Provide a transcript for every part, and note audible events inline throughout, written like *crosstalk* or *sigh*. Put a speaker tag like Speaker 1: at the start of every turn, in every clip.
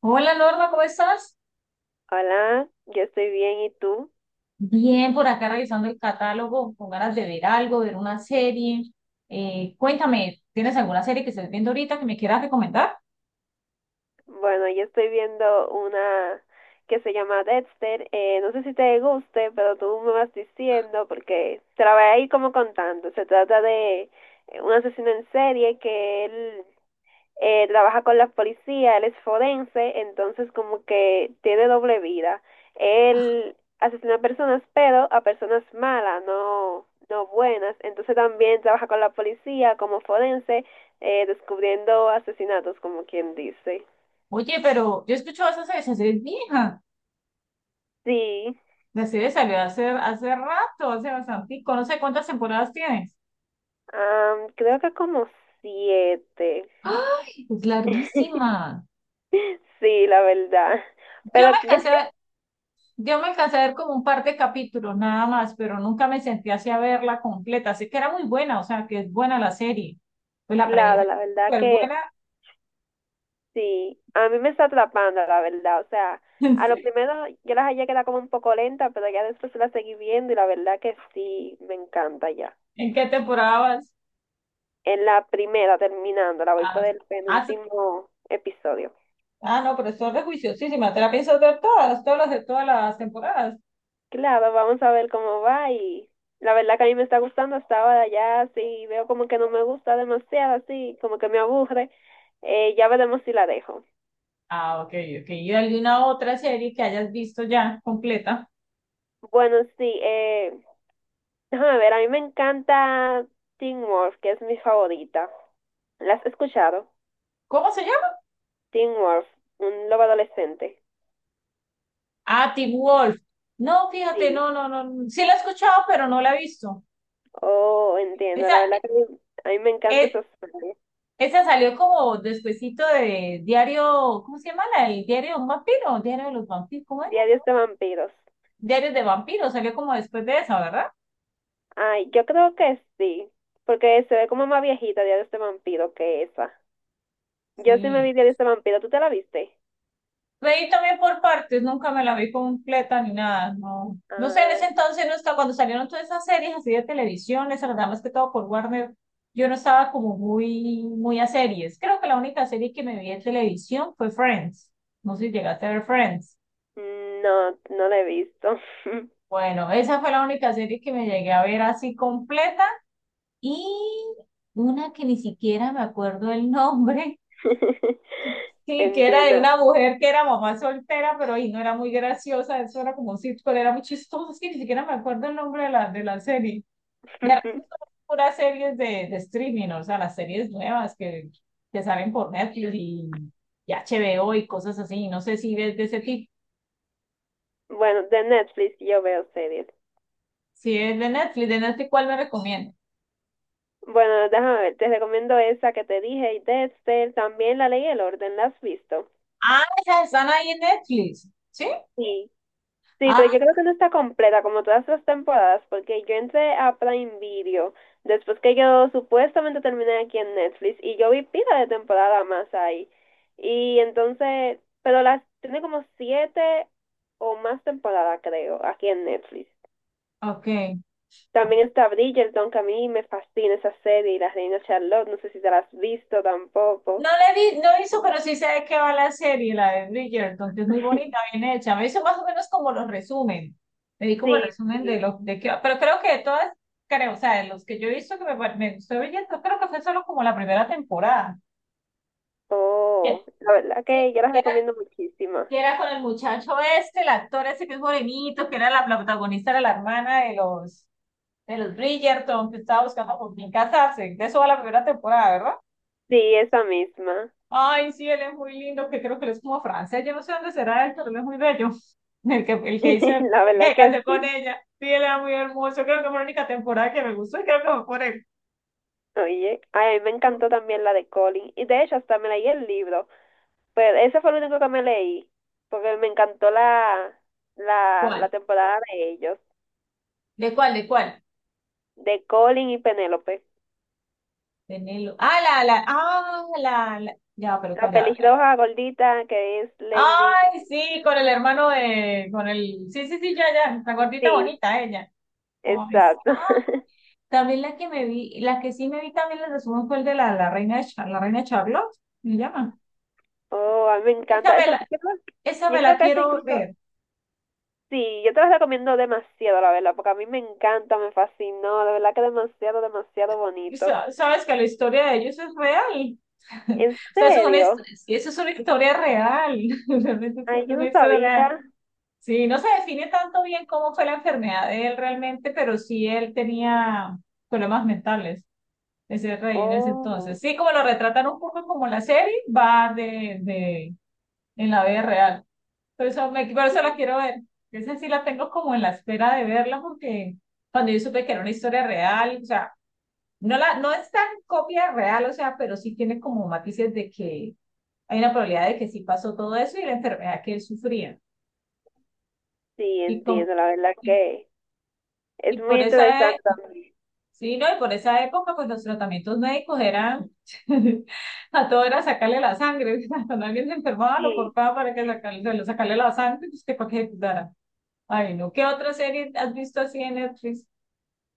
Speaker 1: Hola Norma, ¿cómo estás?
Speaker 2: Hola, yo estoy bien, ¿y tú?
Speaker 1: Bien, por acá revisando el catálogo, con ganas de ver algo, ver una serie. Cuéntame, ¿tienes alguna serie que estés viendo ahorita que me quieras recomendar?
Speaker 2: Bueno, yo estoy viendo una que se llama Dexter. No sé si te guste, pero tú me vas diciendo porque te la voy a ir como contando. Se trata de un asesino en serie que él trabaja con la policía, él es forense, entonces como que tiene doble vida. Él asesina a personas, pero a personas malas, no, no buenas. Entonces también trabaja con la policía como forense, descubriendo asesinatos, como quien dice.
Speaker 1: Oye, pero yo escucho escuchado esa serie es vieja.
Speaker 2: Sí,
Speaker 1: La serie salió hace rato, hace bastante, no sé cuántas temporadas tienes.
Speaker 2: creo que como 7.
Speaker 1: ¡Ay! Es
Speaker 2: *laughs*
Speaker 1: larguísima.
Speaker 2: Sí, la verdad.
Speaker 1: Yo
Speaker 2: Pero
Speaker 1: me
Speaker 2: yo
Speaker 1: alcancé
Speaker 2: creo,
Speaker 1: a, yo me alcancé a ver como un par de capítulos nada más, pero nunca me sentí así a verla completa. Sé que era muy buena, o sea, que es buena la serie. Pues la
Speaker 2: claro,
Speaker 1: premisa es
Speaker 2: la verdad
Speaker 1: súper
Speaker 2: que
Speaker 1: buena.
Speaker 2: sí, a mí me está atrapando, la verdad. O sea,
Speaker 1: *laughs*
Speaker 2: a lo
Speaker 1: Sí.
Speaker 2: primero yo las hallé que era como un poco lenta, pero ya después la seguí viendo y la verdad que sí, me encanta ya.
Speaker 1: ¿En qué temporada vas?
Speaker 2: En la primera, terminando, la voy por
Speaker 1: Ah,
Speaker 2: el
Speaker 1: ah, se-
Speaker 2: penúltimo episodio.
Speaker 1: ah, no, pero esto es de juiciosísima. ¿Te la piensas ver todas las de todas las temporadas?
Speaker 2: Claro, vamos a ver cómo va y la verdad que a mí me está gustando hasta ahora ya, sí, veo como que no me gusta demasiado, así, como que me aburre. Ya veremos si la dejo.
Speaker 1: Ah, ok, ok. ¿Y alguna otra serie que hayas visto ya completa?
Speaker 2: Bueno, sí, déjame ver, a mí me encanta Teen Wolf, que es mi favorita. ¿La has escuchado?
Speaker 1: ¿Cómo se llama?
Speaker 2: Teen Wolf, un lobo adolescente.
Speaker 1: Ah, Teen Wolf. No, fíjate,
Speaker 2: Sí.
Speaker 1: no. Sí la he escuchado, pero no la he visto.
Speaker 2: Oh, entiendo.
Speaker 1: Esa,
Speaker 2: La verdad que a mí me encanta
Speaker 1: eh,
Speaker 2: esos serie.
Speaker 1: Esa salió como despuesito de Diario, ¿cómo se llama? El Diario de un vampiro, Diario de los vampiros, ¿cómo era?
Speaker 2: Diarios de vampiros.
Speaker 1: *Diarios de vampiros, salió como después de esa, ¿verdad?
Speaker 2: Ay, yo creo que sí. Porque se ve como más viejita Diarios de vampiro que esa. Yo sí me
Speaker 1: Sí.
Speaker 2: vi Diarios de vampiro. ¿Tú te la viste?
Speaker 1: Veí también por partes, nunca me la vi completa ni nada, no. No sé, en ese
Speaker 2: Ay,
Speaker 1: entonces no estaba, cuando salieron todas esas series así de televisión, les verdad más que todo por Warner, yo no estaba como muy a series. Creo que la única serie que me vi en televisión fue Friends. No sé si llegaste a ver Friends.
Speaker 2: no, no la he visto.
Speaker 1: Bueno, esa fue la única serie que me llegué a ver así completa y una que ni siquiera me acuerdo el nombre.
Speaker 2: *laughs*
Speaker 1: Sí, que era de
Speaker 2: Entiendo.
Speaker 1: una mujer que era mamá soltera, pero ahí no era muy graciosa, eso era como un sitcom, era muy chistoso, es que ni siquiera me acuerdo el nombre de de la serie. De resto,
Speaker 2: *laughs*
Speaker 1: puras series de streaming, o sea, las series nuevas que salen por Netflix y HBO y cosas así, no sé si ves de ese tipo,
Speaker 2: Bueno, de Netflix yo veo series.
Speaker 1: si es de Netflix, ¿cuál me recomiendas?
Speaker 2: Bueno, déjame ver, te recomiendo esa que te dije y Dexter, también La Ley y el Orden, ¿la has visto?
Speaker 1: Ah, esas están ahí en Netflix, ¿sí?
Speaker 2: Sí. Sí, pero
Speaker 1: Ah,
Speaker 2: yo creo que no está completa como todas las temporadas, porque yo entré a Prime Video después que yo supuestamente terminé aquí en Netflix y yo vi pila de temporada más ahí. Y entonces, pero las tiene como 7 o más temporadas, creo, aquí en Netflix.
Speaker 1: ok.
Speaker 2: También está Bridgerton, que a mí me fascina esa serie, y la Reina Charlotte, no sé si te la has visto tampoco.
Speaker 1: No la he vi, no hizo pero sí sé de qué va la serie, la de Bridgerton, que es muy bonita,
Speaker 2: *laughs*
Speaker 1: bien hecha. Me hizo más o menos como los resumen. Me di como el
Speaker 2: Sí,
Speaker 1: resumen de
Speaker 2: sí.
Speaker 1: lo de qué va. Pero creo que de todas, creo, o sea, de los que yo he visto que me gustó Bridgerton, creo que fue solo como la primera temporada. Que,
Speaker 2: Oh, la verdad
Speaker 1: sí,
Speaker 2: que yo las recomiendo muchísimo.
Speaker 1: que era con el muchacho este, el actor ese que es morenito, que era la protagonista, era la hermana de de los Bridgerton, que estaba buscando con quién casarse. De eso va la primera temporada, verdad.
Speaker 2: Sí, esa misma.
Speaker 1: Ay, sí, él es muy lindo, que creo que él es como francés, yo no sé dónde será él, pero él es muy bello. *laughs* El que hizo,
Speaker 2: *laughs* La verdad
Speaker 1: que
Speaker 2: que
Speaker 1: canté con
Speaker 2: sí.
Speaker 1: ella. Sí, él era muy hermoso, creo que fue la única temporada que me gustó y creo que fue por él.
Speaker 2: Oye, ay, a mí me encantó también la de Colin. Y de hecho, hasta me leí el libro. Pero ese fue el único que me leí. Porque me encantó la
Speaker 1: ¿Cuál?
Speaker 2: temporada de ellos.
Speaker 1: ¿De cuál? ¿De cuál?
Speaker 2: De Colin y Penélope.
Speaker 1: De Nelo. Ah, la, ah, la, la. Ya, pero ¿cuál
Speaker 2: La
Speaker 1: ya?
Speaker 2: pelirroja gordita que es Lady.
Speaker 1: Ay, sí, con el hermano de, con el, sí, sí, sí, ya, ya, la gordita
Speaker 2: Sí,
Speaker 1: bonita, ella. Ay, sí.
Speaker 2: exacto.
Speaker 1: Ah,
Speaker 2: *laughs*
Speaker 1: también la que me vi, la que sí me vi también la resumen fue el de la reina, la reina Charlotte, ¿me llama?
Speaker 2: Oh, a mí me
Speaker 1: Esa
Speaker 2: encanta.
Speaker 1: me
Speaker 2: Esa,
Speaker 1: la, Esa
Speaker 2: yo
Speaker 1: me
Speaker 2: creo
Speaker 1: la
Speaker 2: que esa
Speaker 1: quiero
Speaker 2: incluso.
Speaker 1: ver.
Speaker 2: Sí, yo te las recomiendo demasiado, la verdad, porque a mí me encanta, me fascinó, de verdad que demasiado, demasiado
Speaker 1: Y
Speaker 2: bonito.
Speaker 1: sabes que la historia de ellos es real. *laughs*
Speaker 2: ¿En
Speaker 1: O sea, eso es
Speaker 2: serio?
Speaker 1: eso es una historia real. *laughs* Realmente eso
Speaker 2: Ay,
Speaker 1: es
Speaker 2: yo
Speaker 1: una
Speaker 2: no
Speaker 1: historia
Speaker 2: sabía.
Speaker 1: real. Sí, no se define tanto bien cómo fue la enfermedad de él realmente, pero sí él tenía problemas mentales, ese rey en ese
Speaker 2: Oh,
Speaker 1: entonces. Sí, como lo retratan un poco como la serie, va de, en la vida real. Por eso, por eso la
Speaker 2: sí,
Speaker 1: quiero ver. Esa sí la tengo como en la espera de verla, porque cuando yo supe que era una historia real, o sea, no, no es tan copia real, o sea, pero sí tiene como matices de que hay una probabilidad de que sí pasó todo eso y la enfermedad que él sufría.
Speaker 2: sí,
Speaker 1: Y, con,
Speaker 2: entiendo, la verdad
Speaker 1: y,
Speaker 2: que es
Speaker 1: y
Speaker 2: muy
Speaker 1: por esa,
Speaker 2: interesante también.
Speaker 1: sí, ¿no? Y por esa época, pues los tratamientos médicos eran, *laughs* a todo era sacarle la sangre. *laughs* Cuando alguien se enfermaba, lo
Speaker 2: Sí.
Speaker 1: cortaba para que sacarle, se lo sacarle la sangre, pues que para que ejecutara. Ay, no. ¿Qué otra serie has visto así en Netflix?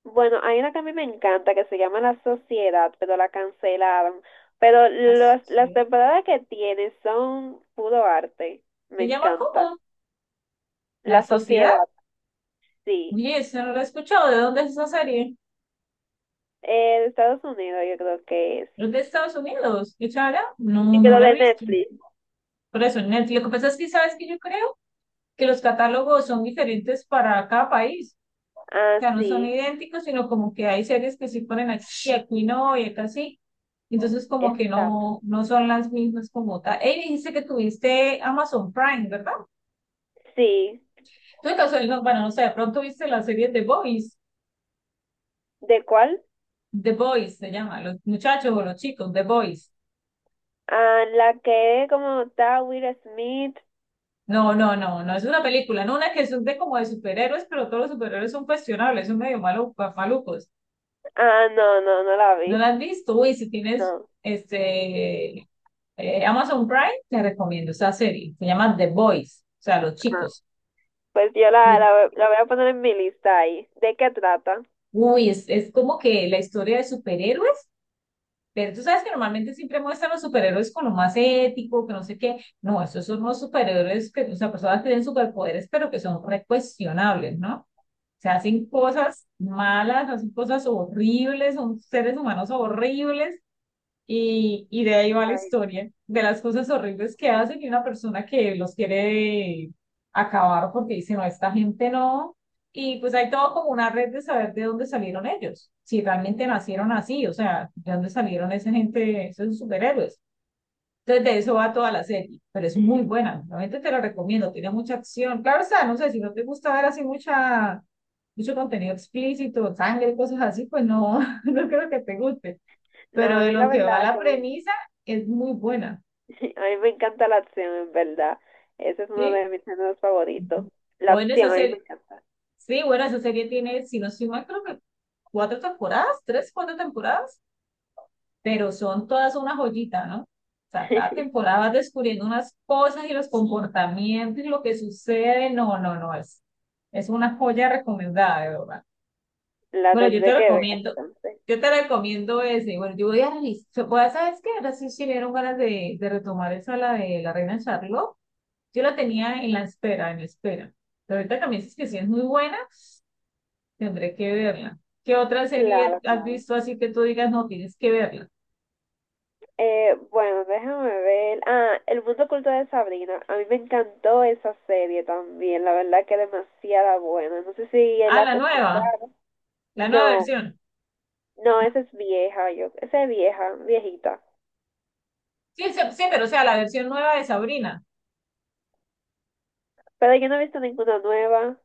Speaker 2: Bueno, hay una que a mí me encanta que se llama La Sociedad, pero la cancelaron. Pero
Speaker 1: Así
Speaker 2: las
Speaker 1: es.
Speaker 2: temporadas que tiene son puro arte. Me
Speaker 1: Se llama
Speaker 2: encanta.
Speaker 1: ¿cómo? La
Speaker 2: La
Speaker 1: Sociedad.
Speaker 2: Sociedad, sí.
Speaker 1: Oye, eso no lo he escuchado. ¿De dónde es esa serie?
Speaker 2: De Estados Unidos, yo creo que es.
Speaker 1: Es de Estados Unidos. ¿Qué charla? No,
Speaker 2: Que
Speaker 1: no
Speaker 2: lo
Speaker 1: la he
Speaker 2: de
Speaker 1: visto.
Speaker 2: Netflix.
Speaker 1: Por eso, Netflix. Lo que pasa es que sabes que yo creo que los catálogos son diferentes para cada país. O
Speaker 2: Ah,
Speaker 1: sea, no son
Speaker 2: sí,
Speaker 1: idénticos, sino como que hay series que sí ponen aquí, y aquí no, y acá sí. Entonces, como que
Speaker 2: está.
Speaker 1: no, no son las mismas como tal. Ey, dijiste que tuviste Amazon Prime, ¿verdad?
Speaker 2: Sí,
Speaker 1: Tú de casualidad, no, bueno, no sé, de pronto viste la serie The Boys.
Speaker 2: ¿de cuál?
Speaker 1: The Boys se llama, los muchachos o los chicos, The Boys.
Speaker 2: Ah, la que es como está Will Smith.
Speaker 1: No, no, no, no es una película, no una que es de como de superhéroes, pero todos los superhéroes son cuestionables, son medio malucos.
Speaker 2: Ah, no, no, no la vi.
Speaker 1: ¿No la has visto? Uy, si tienes
Speaker 2: No.
Speaker 1: este Amazon Prime, te recomiendo esa serie. Se llama The Boys, o sea, los
Speaker 2: Ah,
Speaker 1: chicos.
Speaker 2: pues yo la,
Speaker 1: Y,
Speaker 2: la, la voy a poner en mi lista ahí. ¿De qué trata?
Speaker 1: Uy, es como que la historia de superhéroes, pero tú sabes que normalmente siempre muestran los superhéroes con lo más ético, que no sé qué. No, esos son los superhéroes que, o sea, personas que tienen superpoderes, pero que son recuestionables, ¿no? Se hacen cosas malas, hacen cosas horribles, son seres humanos horribles y de ahí va la
Speaker 2: Ay,
Speaker 1: historia, de las cosas horribles que hacen y una persona que los quiere acabar porque dice, no, esta gente no. Y pues hay todo como una red de saber de dónde salieron ellos, si realmente nacieron así, o sea, de dónde salieron esa gente, esos superhéroes. Entonces, de eso va toda la serie, pero es muy buena, realmente te la recomiendo, tiene mucha acción. Claro está, no sé, si no te gusta ver así mucho contenido explícito, sangre, cosas así, pues no, *laughs* no creo que te guste.
Speaker 2: no,
Speaker 1: Pero
Speaker 2: a
Speaker 1: de
Speaker 2: mí la
Speaker 1: lo que va
Speaker 2: verdad
Speaker 1: la
Speaker 2: que me,
Speaker 1: premisa, es muy buena.
Speaker 2: *laughs* a mí me encanta la acción, en verdad. Ese es uno
Speaker 1: ¿Sí?
Speaker 2: de mis géneros favoritos.
Speaker 1: Ujú.
Speaker 2: La
Speaker 1: Bueno, esa
Speaker 2: acción, a mí me
Speaker 1: serie,
Speaker 2: encanta.
Speaker 1: sí, bueno, esa serie tiene, si no estoy mal, creo que tres, cuatro temporadas, pero son todas una joyita, ¿no? O sea, cada
Speaker 2: *laughs*
Speaker 1: temporada vas descubriendo unas cosas y los comportamientos y lo que sucede. No, no, no, Es una joya recomendada, de verdad.
Speaker 2: La
Speaker 1: Bueno, yo te
Speaker 2: tendré que ver
Speaker 1: recomiendo,
Speaker 2: entonces.
Speaker 1: yo te recomiendo ese. Bueno, yo voy a revisar, ¿sabes qué? Ahora sí me dieron ganas de retomar esa, la de la Reina Charlotte. Yo la tenía en la espera, en la espera. Pero ahorita también es que sí es muy buena, tendré que verla. ¿Qué otra serie
Speaker 2: Claro,
Speaker 1: has
Speaker 2: claro.
Speaker 1: visto así que tú digas, no, tienes que verla?
Speaker 2: Bueno, déjame ver. Ah, El mundo oculto de Sabrina. A mí me encantó esa serie también. La verdad que demasiada buena. No sé si él
Speaker 1: Ah,
Speaker 2: has
Speaker 1: la nueva.
Speaker 2: escuchado.
Speaker 1: La nueva
Speaker 2: No,
Speaker 1: versión.
Speaker 2: no, esa es vieja. Yo, esa es vieja, viejita.
Speaker 1: Sí, sí, sí, pero o sea, la versión nueva de Sabrina,
Speaker 2: Pero yo no he visto ninguna nueva.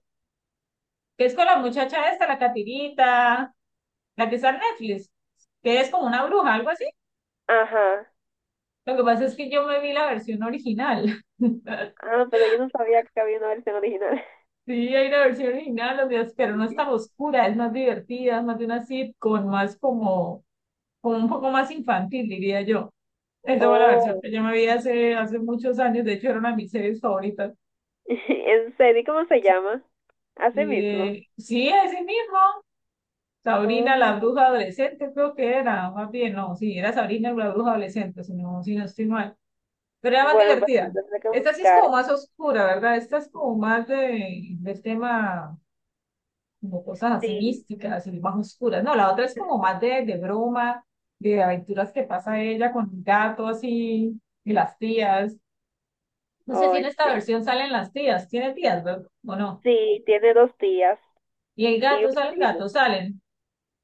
Speaker 1: que es con la muchacha esta, la Catirita, la que está en Netflix, que es como una bruja, algo así.
Speaker 2: Ajá.
Speaker 1: Lo que pasa es que yo me vi la versión original. *laughs*
Speaker 2: Ah, pero yo no sabía que había una versión original.
Speaker 1: Sí, hay una versión original, los días, pero no es tan
Speaker 2: *laughs*
Speaker 1: oscura, es más divertida, es más de una sitcom, más como, como un poco más infantil, diría yo. Esa fue la versión
Speaker 2: Oh,
Speaker 1: que yo me vi hace, hace muchos años, de hecho era una de mis series favoritas.
Speaker 2: *laughs* en serio, ¿cómo se llama? Así mismo.
Speaker 1: Eh, sí, ese mismo, Sabrina la
Speaker 2: Oh.
Speaker 1: bruja adolescente, creo que era, más bien, no, sí, era Sabrina la bruja adolescente, si no estoy mal, pero era más
Speaker 2: Bueno, pues la
Speaker 1: divertida.
Speaker 2: tendré que
Speaker 1: Esta sí es
Speaker 2: buscar.
Speaker 1: como más oscura, ¿verdad? Esta es como más del tema, como cosas así
Speaker 2: Sí.
Speaker 1: místicas y más oscuras. No, la otra es como más de broma, de aventuras que pasa ella con un gato así, y las tías. No sé
Speaker 2: Oh,
Speaker 1: si en esta
Speaker 2: entiendo.
Speaker 1: versión salen las tías, tiene tías, ¿verdad? ¿O no?
Speaker 2: Sí, tiene dos días.
Speaker 1: Y el
Speaker 2: Y un
Speaker 1: gato, salen gatos,
Speaker 2: primo.
Speaker 1: salen.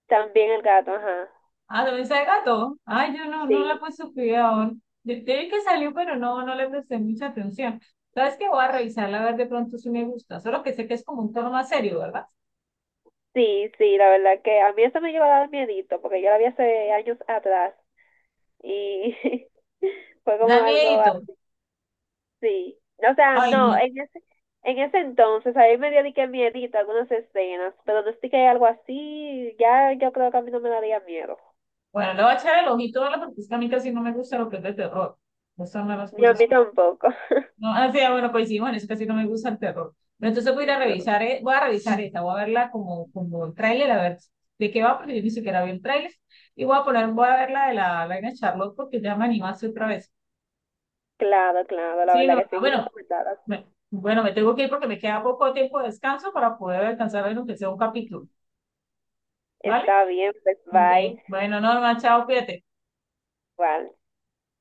Speaker 2: También el gato, ajá.
Speaker 1: Ah, ¿dónde está el gato? Ay, yo no la
Speaker 2: Sí,
Speaker 1: puse cuidado. Yo vi que salió, pero no, no le presté mucha atención. ¿Sabes qué? Voy a revisarla a ver de pronto si me gusta. Solo que sé que es como un tono más serio, ¿verdad?
Speaker 2: sí, sí, la verdad que a mí eso me llegó a dar miedito, porque yo la vi hace años atrás y *laughs* fue como
Speaker 1: Da
Speaker 2: algo
Speaker 1: miedito.
Speaker 2: así. O sea,
Speaker 1: Ay,
Speaker 2: no,
Speaker 1: no.
Speaker 2: en ese entonces a mí me dio de que miedito algunas escenas, pero no es de que hay algo así, ya yo creo que a mí no me daría miedo.
Speaker 1: Bueno, le voy a echar el ojito a verla porque es que a mí casi no me gusta lo que es de terror. No son las
Speaker 2: Ni a
Speaker 1: cosas.
Speaker 2: mí tampoco.
Speaker 1: No,
Speaker 2: *laughs*
Speaker 1: o sea, bueno, coincidimos en eso, casi no me gusta el terror. Pero entonces voy a ir a
Speaker 2: No,
Speaker 1: revisar, voy a revisar esta, voy a verla como, como el tráiler, a ver de qué va, porque yo ni siquiera vi el tráiler. Y voy a poner, voy a ver la de la Reina Charlotte porque ya me animaste otra vez.
Speaker 2: claro, claro, la
Speaker 1: Sí,
Speaker 2: verdad
Speaker 1: no,
Speaker 2: que sí,
Speaker 1: ah,
Speaker 2: muy
Speaker 1: bueno,
Speaker 2: recomendada.
Speaker 1: me- Bueno, me tengo que ir porque me queda poco tiempo de descanso para poder alcanzar a ver aunque sea un capítulo, ¿vale?
Speaker 2: Está bien, pues
Speaker 1: Bien.
Speaker 2: bye.
Speaker 1: Bueno, Norma, chao, cuídate.
Speaker 2: Igual.